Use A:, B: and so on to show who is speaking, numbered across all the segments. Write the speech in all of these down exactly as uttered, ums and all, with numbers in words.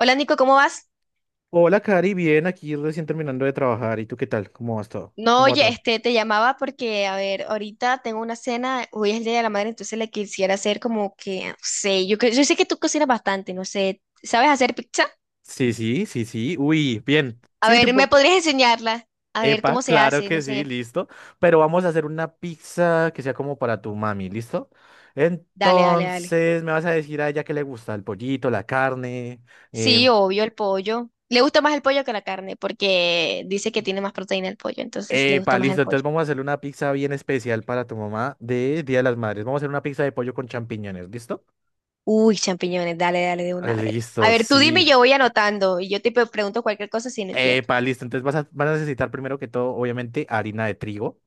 A: Hola Nico, ¿cómo vas?
B: Hola, Cari, bien, aquí recién terminando de trabajar. ¿Y tú qué tal? ¿Cómo vas todo?
A: No,
B: ¿Cómo va
A: oye,
B: todo?
A: este, te llamaba porque, a ver, ahorita tengo una cena, hoy es el Día de la Madre, entonces le quisiera hacer como que, no sé, yo, cre- yo sé que tú cocinas bastante, no sé, ¿sabes hacer pizza?
B: Sí, sí, sí, sí. Uy, bien.
A: A
B: Sí,
A: ver, ¿me
B: tipo,
A: podrías enseñarla? A ver,
B: epa,
A: ¿cómo se
B: claro
A: hace? No
B: que sí,
A: sé,
B: listo. Pero vamos a hacer una pizza que sea como para tu mami, ¿listo?
A: dale, dale, dale.
B: Entonces, me vas a decir a ella que le gusta el pollito, la carne. em,
A: Sí, obvio, el pollo. Le gusta más el pollo que la carne, porque dice que tiene más proteína el pollo, entonces le gusta
B: Epa,
A: más el
B: listo. Entonces,
A: pollo.
B: vamos a hacer una pizza bien especial para tu mamá de Día de las Madres. Vamos a hacer una pizza de pollo con champiñones, ¿listo?
A: Uy, champiñones, dale, dale de
B: Ah,
A: una, a ver. A
B: listo,
A: ver, tú dime
B: sí.
A: y yo voy anotando, y yo te pre- pregunto cualquier cosa si no entiendo.
B: Epa, listo. Entonces vas a, vas a necesitar primero que todo, obviamente, harina de trigo.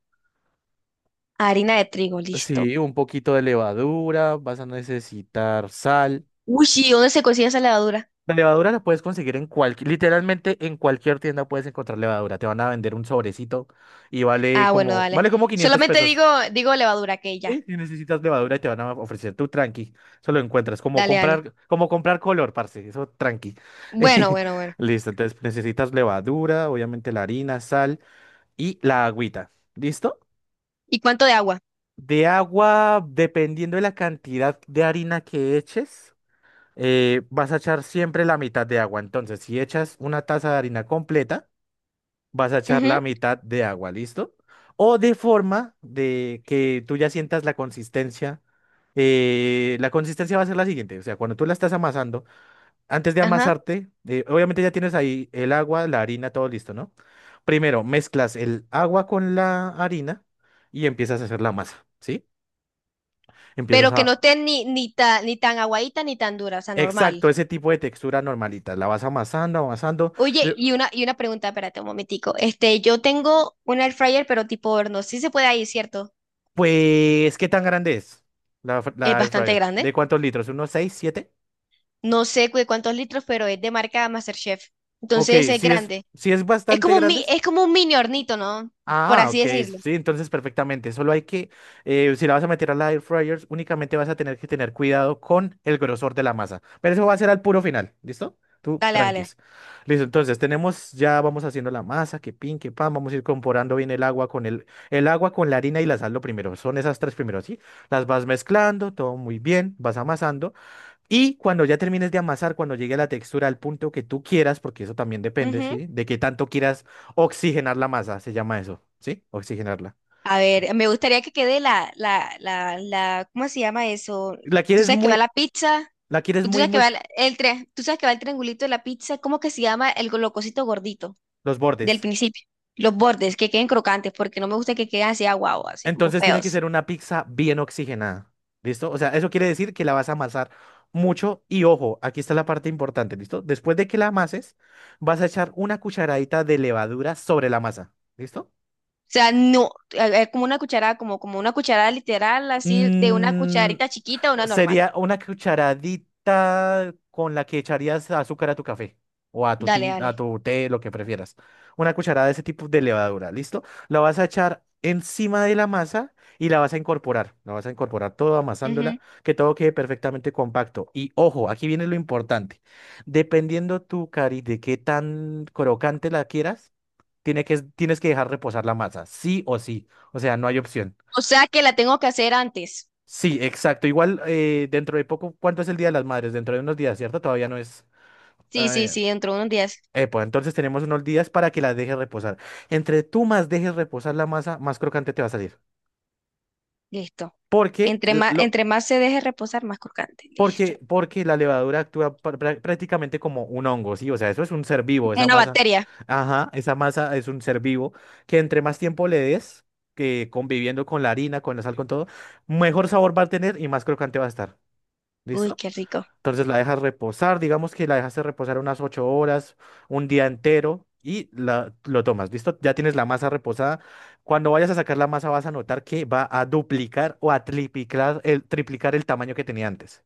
A: Harina de trigo, listo.
B: Sí, un poquito de levadura. Vas a necesitar sal.
A: Uy, sí, ¿dónde se consigue esa levadura?
B: La levadura la puedes conseguir en cualquier, literalmente en cualquier tienda puedes encontrar levadura. Te van a vender un sobrecito y vale
A: Ah, bueno,
B: como,
A: dale.
B: vale como quinientos
A: Solamente
B: pesos.
A: digo, digo levadura, que ya.
B: Sí, si necesitas levadura y te van a ofrecer tu tranqui. Eso lo encuentras. Como
A: Dale, dale.
B: comprar, como comprar color, parce. Eso tranqui.
A: Bueno, bueno, bueno.
B: Listo. Entonces necesitas levadura, obviamente la harina, sal y la agüita. ¿Listo?
A: ¿Y cuánto de agua?
B: De agua, dependiendo de la cantidad de harina que eches, eh, vas a echar siempre la mitad de agua. Entonces, si echas una taza de harina completa, vas a echar
A: Ujú,
B: la mitad de agua, ¿listo? O de forma de que tú ya sientas la consistencia. Eh, la consistencia va a ser la siguiente, o sea, cuando tú la estás amasando, antes de
A: ajá.
B: amasarte, eh, obviamente ya tienes ahí el agua, la harina, todo listo, ¿no? Primero mezclas el agua con la harina y empiezas a hacer la masa, ¿sí? Empiezas
A: Pero que no
B: a...
A: esté ni, ni tan, ni tan aguadita ni tan dura, o sea, normal.
B: Exacto, ese tipo de textura normalita. La vas amasando, amasando.
A: Oye,
B: de-
A: y una, y una pregunta, espérate un momentico. Este, yo tengo un air fryer, pero tipo horno. Sí se puede ahí, ¿cierto?
B: Pues, ¿qué tan grande es la, fr-
A: Es
B: la air
A: bastante
B: fryer? ¿De
A: grande.
B: cuántos litros? ¿Unos seis siete?
A: No sé cu- de cuántos litros, pero es de marca MasterChef.
B: Ok,
A: Entonces es
B: sí es,
A: grande.
B: sí es
A: Es
B: bastante
A: como un,
B: grande.
A: mi- es como un mini hornito, ¿no? Por
B: Ah,
A: así
B: ok,
A: decirlo.
B: sí, entonces perfectamente. Solo hay que, eh, si la vas a meter a la air fryer, únicamente vas a tener que tener cuidado con el grosor de la masa. Pero eso va a ser al puro final, ¿listo? Tú,
A: Dale, dale.
B: tranquis. Listo, entonces tenemos, ya vamos haciendo la masa, que pin, que pan, vamos a ir comporando bien el agua con el, el agua con la harina y la sal lo primero. Son esas tres primero, ¿sí? Las vas mezclando, todo muy bien, vas amasando. Y cuando ya termines de amasar, cuando llegue la textura al punto que tú quieras, porque eso también depende,
A: Ujú.
B: ¿sí? De qué tanto quieras oxigenar la masa, se llama eso, ¿sí? Oxigenarla.
A: A ver, me gustaría que quede la, la, la, la, ¿cómo se llama eso?
B: La
A: Tú
B: quieres
A: sabes que va
B: muy,
A: la pizza,
B: la quieres
A: tú
B: muy,
A: sabes que
B: muy
A: va la- el, tren, tú sabes que va el triangulito de la pizza, ¿cómo que se llama el go- lo cosito gordito
B: los
A: del
B: bordes.
A: principio? Los bordes, que queden crocantes, porque no me gusta que queden así aguados, así como
B: Entonces tiene que
A: feos.
B: ser una pizza bien oxigenada, ¿listo? O sea, eso quiere decir que la vas a amasar mucho y ojo, aquí está la parte importante, ¿listo? Después de que la amases, vas a echar una cucharadita de levadura sobre la masa, ¿listo?
A: O sea, no, es como una cucharada, como, como una cucharada literal, así de una
B: Mm.
A: cucharita chiquita a una normal.
B: Sería una cucharadita con la que echarías azúcar a tu café o a tu,
A: Dale,
B: tin-
A: dale.
B: a tu té, lo que prefieras. Una cucharada de ese tipo de levadura, ¿listo? La vas a echar encima de la masa y la vas a incorporar. La vas a incorporar todo amasándola,
A: Ujú.
B: que todo quede perfectamente compacto. Y ojo, aquí viene lo importante. Dependiendo tu cari de qué tan crocante la quieras, tiene que, tienes que dejar reposar la masa, sí o sí. O sea, no hay opción.
A: O sea que la tengo que hacer antes.
B: Sí, exacto. Igual eh, dentro de poco, ¿cuánto es el Día de las Madres? Dentro de unos días, ¿cierto? Todavía no es...
A: Sí, sí,
B: eh,
A: sí, dentro de unos días.
B: eh, pues entonces tenemos unos días para que las dejes reposar. Entre tú más dejes reposar la masa, más crocante te va a salir.
A: Listo.
B: Porque,
A: Entre
B: el-
A: más,
B: lo,
A: entre más se deje reposar, más crocante. Listo.
B: porque, porque la levadura actúa pr- prá- prácticamente como un hongo, ¿sí? O sea, eso es un ser vivo, esa
A: Una
B: masa.
A: bacteria.
B: Ajá, esa masa es un ser vivo que entre más tiempo le des, que conviviendo con la harina, con la sal, con todo, mejor sabor va a tener y más crocante va a estar.
A: Uy,
B: ¿Listo?
A: qué rico.
B: Entonces la dejas reposar, digamos que la dejaste reposar unas ocho horas, un día entero y la, lo tomas, ¿listo? Ya tienes la masa reposada. Cuando vayas a sacar la masa vas a notar que va a duplicar o a triplicar el, triplicar el tamaño que tenía antes.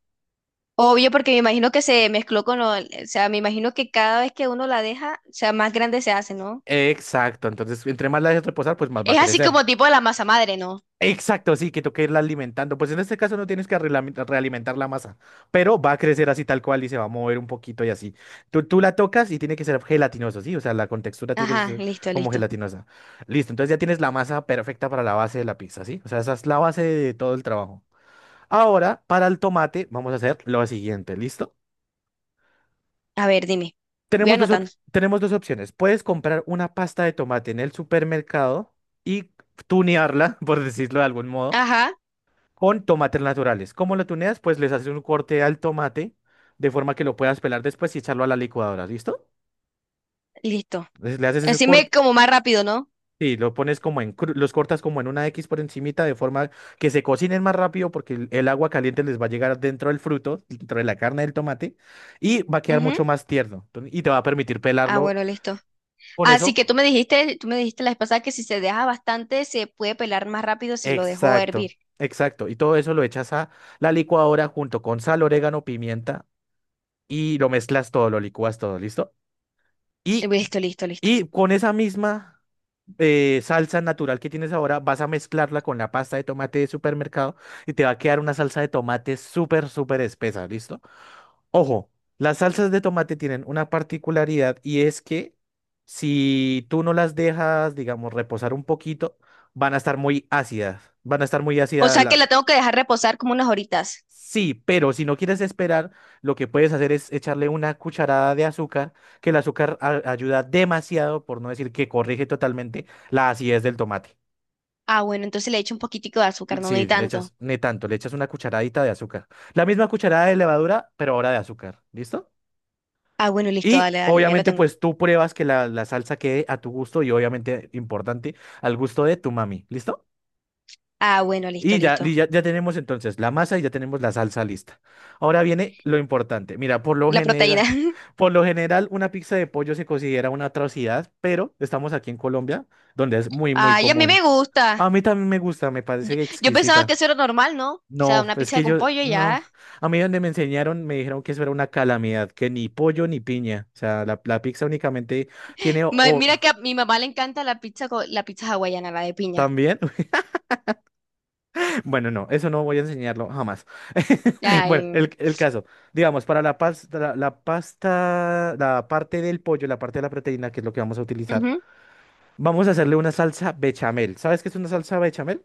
A: Obvio, porque me imagino que se mezcló con lo, o sea, me imagino que cada vez que uno la deja, o sea, más grande se hace, ¿no?
B: Exacto, entonces entre más la dejes reposar, pues más va a
A: Es así
B: crecer.
A: como tipo de la masa madre, ¿no?
B: Exacto, sí, que toca irla alimentando. Pues en este caso no tienes que relam- realimentar la masa, pero va a crecer así tal cual y se va a mover un poquito y así. Tú, tú la tocas y tiene que ser gelatinosa, ¿sí? O sea, la contextura tiene que
A: Ajá,
B: ser
A: listo,
B: como
A: listo.
B: gelatinosa. Listo, entonces ya tienes la masa perfecta para la base de la pizza, ¿sí? O sea, esa es la base de todo el trabajo. Ahora, para el tomate, vamos a hacer lo siguiente, ¿listo?
A: A ver, dime. Voy
B: Tenemos dos, op-
A: anotando.
B: tenemos dos opciones. Puedes comprar una pasta de tomate en el supermercado y tunearla, por decirlo de algún modo
A: Ajá,
B: con tomates naturales. ¿Cómo lo tuneas? Pues les haces un corte al tomate de forma que lo puedas pelar después y echarlo a la licuadora, ¿listo?
A: listo.
B: Entonces, le haces ese
A: Así me
B: corte
A: como más rápido, ¿no?
B: y lo pones como en cru- los cortas como en una X por encimita de forma que se cocinen más rápido porque el, el agua caliente les va a llegar dentro del fruto, dentro de la carne del tomate y va a quedar
A: Ujú.
B: mucho más tierno. Entonces, y te va a permitir
A: Ah,
B: pelarlo
A: bueno, listo.
B: con
A: Así que
B: eso.
A: tú me dijiste, tú me dijiste la vez pasada que si se deja bastante, se puede pelar más rápido si lo dejo
B: Exacto,
A: hervir.
B: exacto. Y todo eso lo echas a la licuadora junto con sal, orégano, pimienta y lo mezclas todo, lo licúas todo, ¿listo? Y
A: Listo, listo, listo.
B: y con esa misma eh, salsa natural que tienes ahora, vas a mezclarla con la pasta de tomate de supermercado y te va a quedar una salsa de tomate súper, súper espesa, ¿listo? Ojo, las salsas de tomate tienen una particularidad y es que si tú no las dejas, digamos, reposar un poquito, van a estar muy ácidas, van a estar muy
A: O
B: ácidas.
A: sea que la tengo que dejar reposar como unas horitas.
B: Sí, pero si no quieres esperar, lo que puedes hacer es echarle una cucharada de azúcar, que el azúcar a- ayuda demasiado, por no decir que corrige totalmente la acidez del tomate.
A: Ah, bueno, entonces le echo un poquitico de azúcar, no, no hay
B: Sí, le
A: tanto.
B: echas, ni tanto, le echas una cucharadita de azúcar. La misma cucharada de levadura, pero ahora de azúcar. ¿Listo?
A: Ah,
B: Y
A: bueno, listo,
B: y,
A: dale, dale, ya lo
B: obviamente,
A: tengo.
B: pues tú pruebas que la, la salsa quede a tu gusto y obviamente, importante, al gusto de tu mami. ¿Listo?
A: Ah, bueno, listo,
B: Y ya, y
A: listo.
B: ya, ya tenemos entonces la masa y ya tenemos la salsa lista. Ahora viene lo importante. Mira, por lo
A: La proteína.
B: general, por lo general, una pizza de pollo se considera una atrocidad, pero estamos aquí en Colombia, donde es muy, muy
A: Ay, a mí
B: común.
A: me gusta.
B: A mí también me gusta, me
A: Yo,
B: parece
A: yo pensaba
B: exquisita.
A: que eso era normal, ¿no? O sea,
B: No,
A: una
B: es
A: pizza
B: que
A: con
B: yo,
A: pollo y
B: no.
A: ya.
B: A mí donde me enseñaron me dijeron que eso era una calamidad, que ni pollo ni piña. O sea, la, la pizza únicamente tiene o
A: Ma-
B: o-
A: mira que a mi mamá le encanta la pizza co- la pizza hawaiana, la de piña.
B: también. Bueno, no, eso no voy a enseñarlo jamás. Bueno,
A: Ay.
B: el, el caso, digamos, para la pasta, la, la pasta, la parte del pollo, la parte de la proteína, que es lo que vamos a utilizar,
A: Ujú.
B: vamos a hacerle una salsa bechamel. ¿Sabes qué es una salsa bechamel?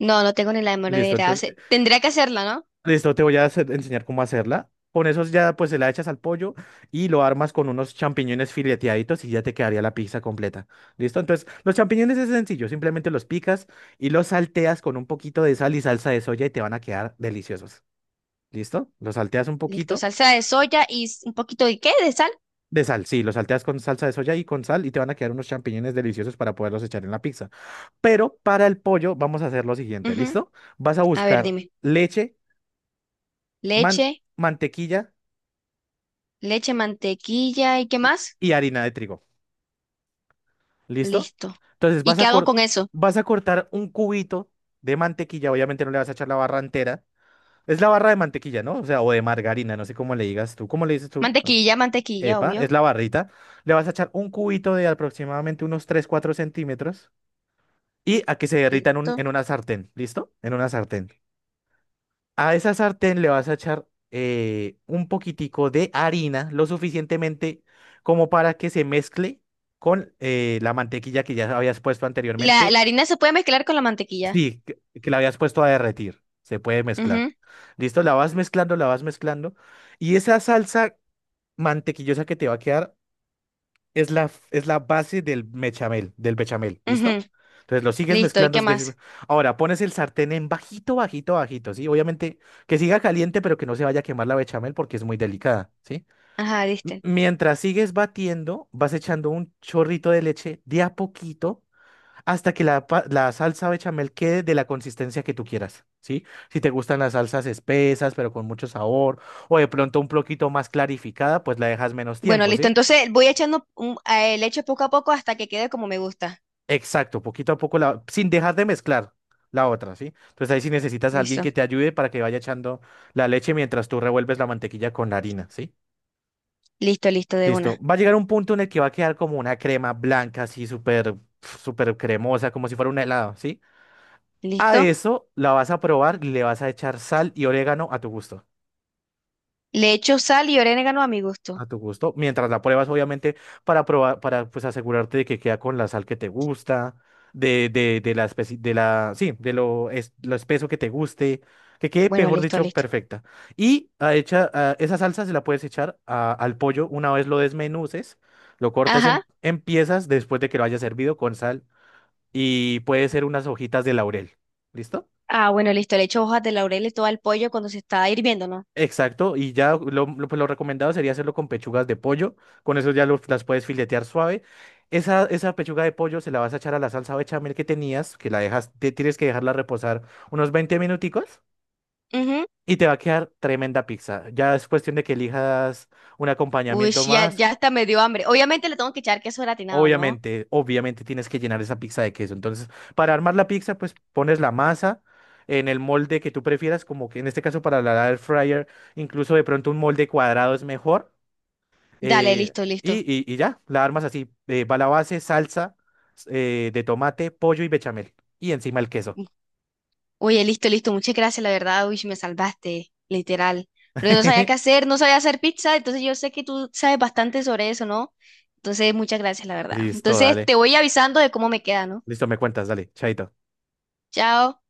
A: No, no tengo ni la menor
B: Listo,
A: idea. O
B: entonces,
A: sea,
B: eh,
A: tendría que hacerla, ¿no?
B: listo, te voy a hacer- enseñar cómo hacerla. Con esos ya, pues, se la echas al pollo y lo armas con unos champiñones fileteaditos y ya te quedaría la pizza completa. ¿Listo? Entonces, los champiñones es sencillo, simplemente los picas y los salteas con un poquito de sal y salsa de soya y te van a quedar deliciosos. ¿Listo? Lo salteas un
A: Listo,
B: poquito
A: salsa de soya y s- un poquito de qué, de sal.
B: de sal. Sí, lo salteas con salsa de soya y con sal y te van a quedar unos champiñones deliciosos para poderlos echar en la pizza. Pero para el pollo vamos a hacer lo siguiente,
A: Ujú.
B: ¿listo? Vas a
A: A ver,
B: buscar
A: dime.
B: leche, man-
A: Leche.
B: mantequilla
A: Leche, mantequilla y qué
B: y,
A: más.
B: y harina de trigo. ¿Listo?
A: Listo.
B: Entonces
A: ¿Y
B: vas a,
A: qué hago
B: cor-
A: con eso?
B: vas a cortar un cubito de mantequilla. Obviamente no le vas a echar la barra entera. Es la barra de mantequilla, ¿no? O sea, o de margarina, no sé cómo le digas tú. ¿Cómo le dices tú?
A: Mantequilla, mantequilla,
B: Epa, es
A: obvio.
B: la barrita, le vas a echar un cubito de aproximadamente unos tres, cuatro centímetros y a que se derrita en, un-
A: Listo.
B: en una sartén, ¿listo? En una sartén. A esa sartén le vas a echar eh, un poquitico de harina, lo suficientemente como para que se mezcle con eh, la mantequilla que ya habías puesto
A: La, la
B: anteriormente.
A: harina se puede mezclar con la mantequilla.
B: Sí, que, que la habías puesto a derretir. Se puede mezclar.
A: Ujú,
B: ¿Listo? La vas mezclando, la vas mezclando. Y esa salsa mantequillosa que te va a quedar es la, f- es la base del bechamel, del bechamel, ¿listo?
A: ujú.
B: Entonces lo sigues
A: Listo. ¿Y
B: mezclando.
A: qué
B: Es decir,
A: más?
B: ahora pones el sartén en bajito, bajito, bajito, ¿sí? Obviamente que siga caliente, pero que no se vaya a quemar la bechamel porque es muy delicada, ¿sí?
A: Ajá,
B: M-
A: listo.
B: Mientras sigues batiendo, vas echando un chorrito de leche de a poquito hasta que la, pa- la salsa bechamel quede de la consistencia que tú quieras, ¿sí? Si te gustan las salsas espesas, pero con mucho sabor, o de pronto un poquito más clarificada, pues la dejas menos
A: Bueno,
B: tiempo,
A: listo.
B: ¿sí?
A: Entonces voy echando un- eh, leche poco a poco hasta que quede como me gusta.
B: Exacto, poquito a poco, la, sin dejar de mezclar la otra, ¿sí? Entonces ahí sí necesitas a alguien
A: Listo.
B: que te ayude para que vaya echando la leche mientras tú revuelves la mantequilla con la harina, ¿sí?
A: Listo, listo, de
B: Listo.
A: una.
B: Va a llegar un punto en el que va a quedar como una crema blanca, así súper, pf, súper cremosa, como si fuera un helado, ¿sí? A
A: Listo.
B: eso la vas a probar y le vas a echar sal y orégano a tu gusto.
A: Le echo sal y orégano a mi gusto.
B: A tu gusto. Mientras la pruebas, obviamente, para probar, para pues asegurarte de que queda con la sal que te gusta, de, de, de la especie, de la, sí, de lo, es, lo espeso que te guste, que quede,
A: Bueno,
B: mejor
A: listo,
B: dicho,
A: listo.
B: perfecta. Y a hecha, a- esa salsa se la puedes echar a- al pollo una vez lo desmenuces, lo cortes
A: Ajá.
B: en, en piezas después de que lo hayas servido con sal y puede ser unas hojitas de laurel. ¿Listo?
A: Ah, bueno, listo. Le echo hojas de laurel y todo al pollo cuando se está hirviendo, ¿no?
B: Exacto, y ya lo, lo- pues lo recomendado sería hacerlo con pechugas de pollo, con eso ya lo- las puedes filetear suave. Esa, esa pechuga de pollo se la vas a echar a la salsa bechamel que tenías, que la dejas, te- tienes que dejarla reposar unos veinte minuticos
A: Ujú.
B: y te va a quedar tremenda pizza. Ya es cuestión de que elijas un
A: Uy,
B: acompañamiento
A: ya,
B: más.
A: ya hasta me dio hambre. Obviamente le tengo que echar queso gratinado, ¿no?
B: Obviamente, obviamente tienes que llenar esa pizza de queso. Entonces, para armar la pizza, pues pones la masa en el molde que tú prefieras, como que en este caso para la air fryer, incluso de pronto un molde cuadrado es mejor.
A: Dale,
B: Eh,
A: listo,
B: y,
A: listo.
B: y- y ya, la armas así. Eh, va la base, salsa eh, de tomate, pollo y bechamel. Y encima el queso.
A: Oye, listo, listo. Muchas gracias, la verdad. Uy, me salvaste, literal. Porque no sabía qué hacer, no sabía hacer pizza, entonces yo sé que tú sabes bastante sobre eso, ¿no? Entonces, muchas gracias, la verdad.
B: Listo,
A: Entonces,
B: dale.
A: te voy avisando de cómo me queda, ¿no?
B: Listo, me cuentas, dale. Chaito.
A: Chao.